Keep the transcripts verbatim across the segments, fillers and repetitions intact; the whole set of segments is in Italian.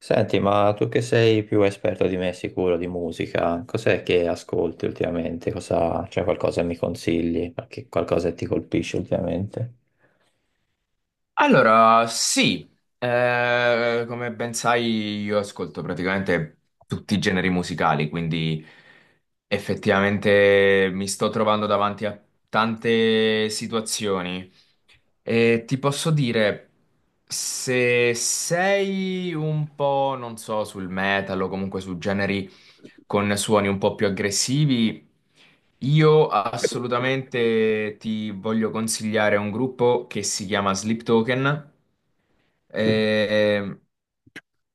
Senti, ma tu che sei più esperto di me sicuro di musica, cos'è che ascolti ultimamente? Cosa, c'è qualcosa che mi consigli? Qualche- Qualcosa che ti colpisce ultimamente? Allora, sì, Eh, come ben sai io ascolto praticamente tutti i generi musicali, quindi effettivamente mi sto trovando davanti a tante situazioni e ti posso dire, se sei un po', non so, sul metal o comunque su generi con suoni un po' più aggressivi. Io assolutamente ti voglio consigliare un gruppo che si chiama Sleep Token. Eh,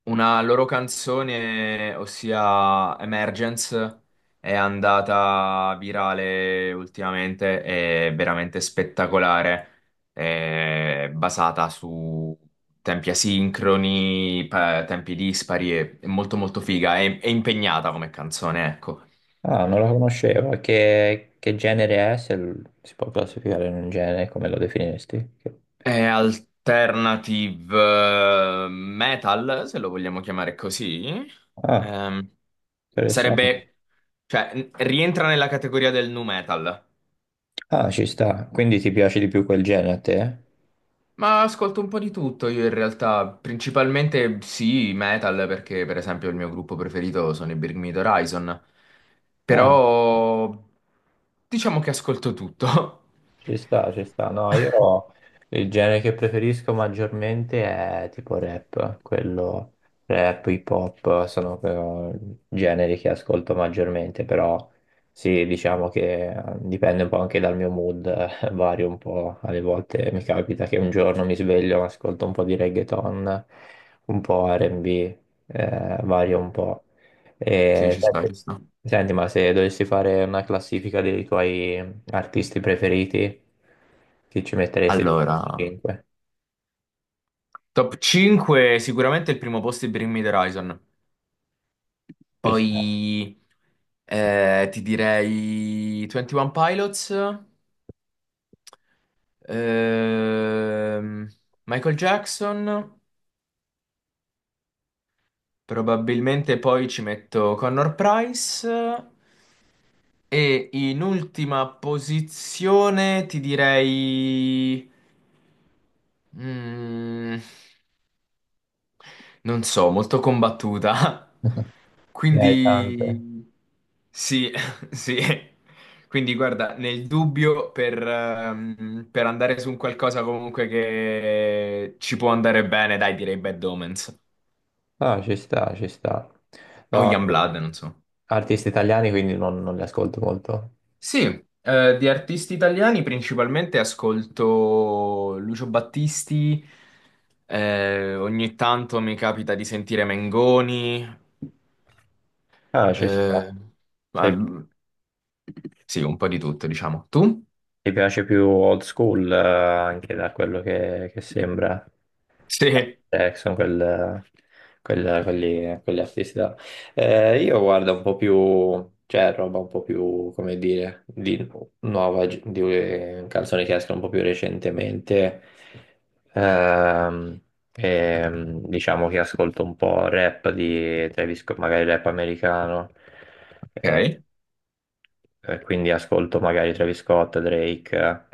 una loro canzone, ossia Emergence, è andata virale ultimamente, è veramente spettacolare, è basata su tempi asincroni, pa- tempi dispari, è è molto molto figa, è, è impegnata come canzone, ecco. Ah, non la conoscevo. E Che, che genere è? Se l- si può classificare in un genere, come lo definiresti? Che- È alternative eh, metal, se lo vogliamo chiamare così. Ah, Ehm, interessante. Sarebbe, cioè, n- rientra nella categoria del nu metal. Ah, ci sta. Quindi ti piace di più quel genere a te? Ma ascolto un po' di tutto io in realtà, principalmente sì, metal, perché per esempio il mio gruppo preferito sono i Bring Me the Horizon, Ah. però diciamo che ascolto tutto. Ci sta, ci sta. No, io il genere che preferisco maggiormente è tipo rap, quello rap, hip hop sono eh, generi che ascolto maggiormente, però sì, diciamo che eh, dipende un po' anche dal mio mood, eh, vario un po'. Alle volte mi capita che un giorno mi sveglio, ascolto un po' di reggaeton, un po' R e B, eh, vario un po'. Sì, E, ci sta, ci senti, sta. senti, ma se dovessi fare una classifica dei tuoi artisti preferiti? Chi ci metteresti Allora, cinque? top cinque, sicuramente il primo posto è Bring Me the Horizon, Ci sta. poi eh, ti direi twenty one Pilots, ehm, Michael Jackson. Probabilmente poi ci metto Connor Price e in ultima posizione ti direi, mm, non so, molto combattuta. Ne hai tante. Quindi. Sì, sì. Quindi guarda, nel dubbio per, ehm, per andare su un qualcosa comunque che ci può andare bene, dai, direi Bad Omens. No, ci sta, ci sta. O No, Youngblood, eh, non so. artisti italiani quindi non, non li ascolto molto. Sì, eh, di artisti italiani principalmente ascolto Lucio Battisti, eh, ogni tanto mi capita di sentire Mengoni, Ah, ci eh, sta. ma, Se sì, un po' di tutto, diciamo. Tu? ti piace più old school, eh, anche da quello che, che sembra. Sì, Jackson, quel, quel- quelli, quegli artisti là. Eh, io guardo un po' più, cioè roba un po' più, come dire, di nuova, di canzoni che escono un po' più recentemente. Ehm, ehm, diciamo che ascolto un po' rap di Travis Scott, magari rap americano. ok. Eh, quindi ascolto magari Travis Scott, Drake,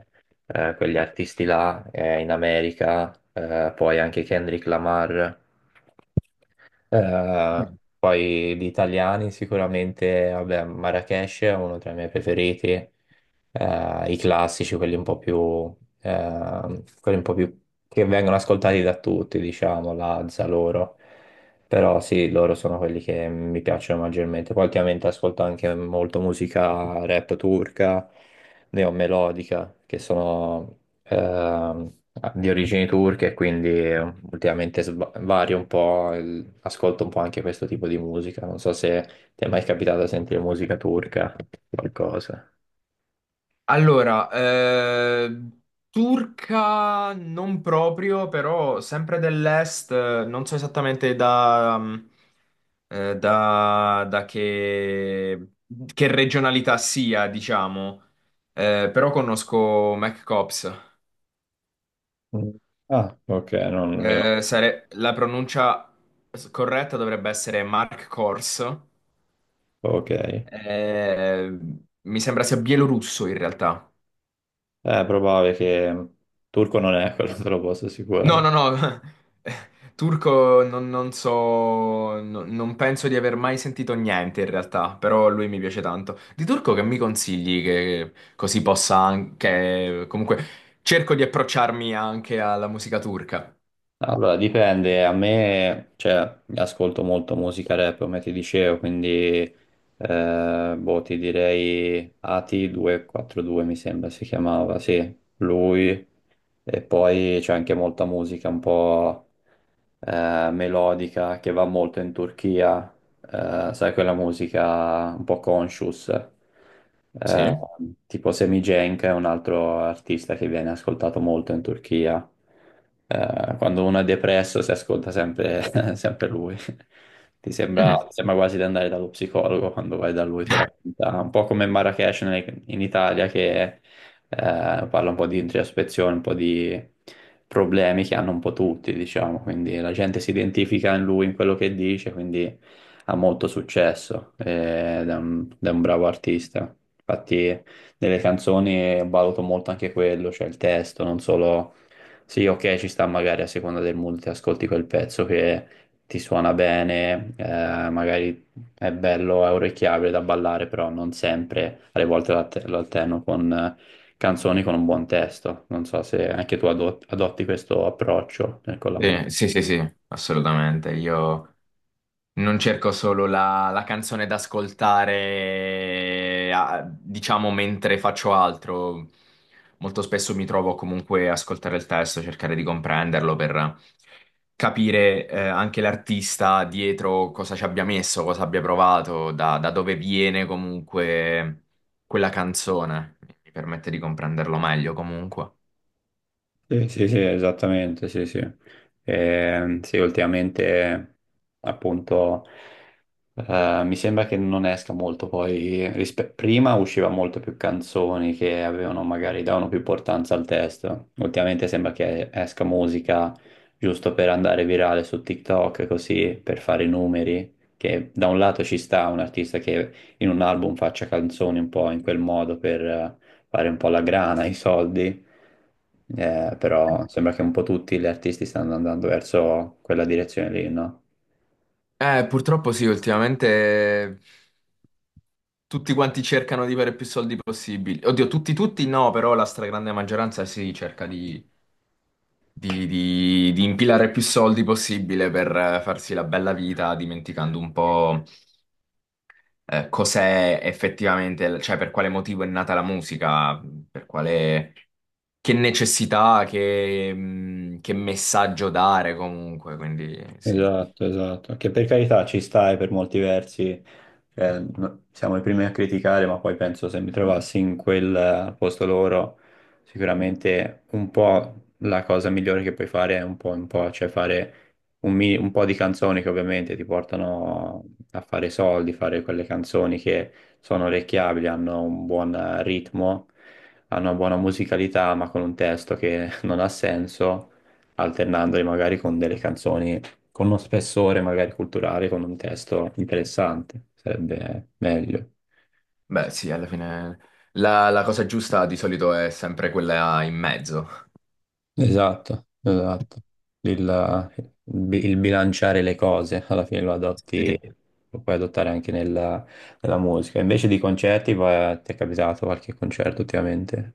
eh, eh, quegli artisti là eh, in America, eh, poi anche Kendrick Lamar, eh, poi gli italiani sicuramente, vabbè, Marrakesh è uno tra i miei preferiti, eh, i classici, quelli un po' più, eh, quelli un po' più che vengono ascoltati da tutti, diciamo, Lazza loro. Però sì, loro sono quelli che mi piacciono maggiormente. Poi ultimamente ascolto anche molto musica rap turca, neomelodica, che sono ehm, di origini turche, quindi ultimamente sva- vario un po', il- ascolto un po' anche questo tipo di musica. Non so se ti è mai capitato di sentire musica turca, qualcosa. Allora, eh, turca non proprio, però sempre dell'est, eh, non so esattamente da, mm, eh, da- da che, che regionalità sia, diciamo. Eh, però conosco McCops. Mm. Ah, ok, non mi Eh, sare- la pronuncia s- corretta dovrebbe essere Mark Kors. Ok. Eh, Eh, mi sembra sia bielorusso in realtà. È probabile che turco non è quello, te lo posso No, assicurare. no, no. Turco non, non so, no- non penso di aver mai sentito niente in realtà, però lui mi piace tanto. Di turco che mi consigli che così possa anche, comunque, cerco di approcciarmi anche alla musica turca. Allora, dipende, a me, cioè, ascolto molto musica rap, come ti dicevo, quindi, eh, boh, ti direi Ati duecentoquarantadue, mi sembra si chiamava, sì, lui, e poi c'è anche molta musica un po', eh, melodica che va molto in Turchia, eh, sai quella musica un po' conscious, eh, Sì? tipo Semicenk è un altro artista che viene ascoltato molto in Turchia. Eh, quando uno è depresso si ascolta sempre, sempre lui. Ti sembra, Mm. ti sembra quasi di andare dallo psicologo quando vai da lui, ti racconta un po' come Marrakesh in Italia che eh, parla un po' di introspezione, un po' di problemi che hanno un po' tutti, diciamo, quindi la gente si identifica in lui, in quello che dice, quindi ha molto successo eh, ed è un, ed è un bravo artista. Infatti nelle canzoni valuto molto anche quello, cioè il testo, non solo. Sì, ok, ci sta magari a seconda del mood, ti ascolti quel pezzo che ti suona bene, eh, magari è bello, è orecchiabile da ballare, però non sempre, alle volte lo att- lo alterno con canzoni con un buon testo. Non so se anche tu adot- adotti questo approccio eh, con la musica. Sì, sì, sì, sì, assolutamente. Io non cerco solo la, la, canzone da ascoltare, eh, a- diciamo, mentre faccio altro. Molto spesso mi trovo comunque a ascoltare il testo, cercare di comprenderlo per capire, eh, anche l'artista dietro cosa ci abbia messo, cosa abbia provato, da, da dove viene comunque quella canzone. Mi permette di comprenderlo meglio comunque. Sì, sì, sì, esattamente, sì, sì. Ehm, sì, ultimamente appunto. Eh, mi sembra che non esca molto poi, rispe- prima usciva molto più canzoni che avevano magari davano più importanza al testo. Ultimamente sembra che esca musica giusto per andare virale su TikTok, così per fare i numeri, che da un lato ci sta un artista che in un album faccia canzoni un po' in quel modo per eh, fare un po' la grana, i soldi. Eh, però sembra che un po' tutti gli artisti stanno andando verso quella direzione lì, no? Eh, purtroppo sì, ultimamente. Tutti quanti cercano di avere più soldi possibili. Oddio, tutti, tutti no, però la stragrande maggioranza sì, cerca di, di- di- di impilare più soldi possibile per eh, farsi la bella vita, dimenticando un po' eh, cos'è effettivamente, cioè per quale motivo è nata la musica, per quale, che necessità, che, mh, che messaggio dare comunque. Quindi sì, Esatto, esatto, che per carità ci stai per molti versi, cioè, no- siamo i primi a criticare, ma poi penso se mi trovassi in quel eh, al posto loro, sicuramente un po' la cosa migliore che puoi fare è un po' un po', cioè fare un, mi- un po' di canzoni che ovviamente ti portano a fare soldi, fare quelle canzoni che sono orecchiabili, hanno un buon eh, ritmo, hanno una buona musicalità, ma con un testo che non ha senso, alternandoli magari con delle canzoni con uno spessore magari culturale, con un testo interessante, sarebbe meglio. beh sì, alla fine la la cosa giusta di solito è sempre quella in mezzo. Sì, esatto, esatto. Il, il bilanciare le cose, alla fine lo adotti, Sì. lo puoi adottare anche nella, nella musica. Invece di concerti, va- ti è capitato qualche concerto ultimamente?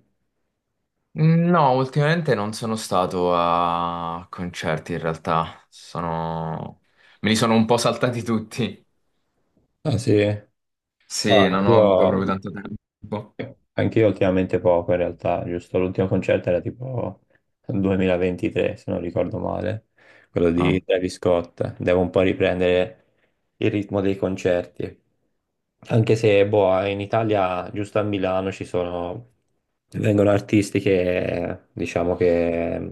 No, ultimamente non sono stato a concerti in realtà, sono... me li sono un po' saltati tutti. Ah sì? Ah, Sì, non ho io avuto proprio tanto tempo. Anch'io ultimamente poco in realtà, giusto? L'ultimo concerto era tipo duemilaventitré, se non ricordo male, quello di Ah. Travis Scott. Devo un po' riprendere il ritmo dei concerti. Anche se, boh, in Italia, giusto a Milano, ci sono, vengono artisti che, diciamo che,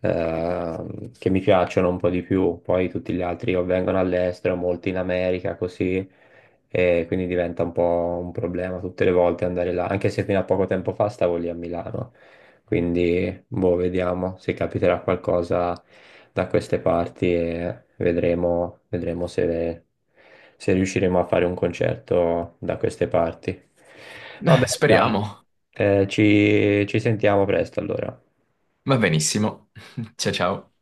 eh, che mi piacciono un po' di più, poi tutti gli altri o vengono all'estero, molti in America, così e quindi diventa un po' un problema tutte le volte andare là, anche se fino a poco tempo fa stavo lì a Milano, quindi boh, vediamo se capiterà qualcosa da queste parti e vedremo, vedremo se, se riusciremo a fare un concerto da queste parti. Vabbè, Eh, dai, speriamo. eh, ci ci sentiamo presto allora. Va benissimo. Ciao ciao.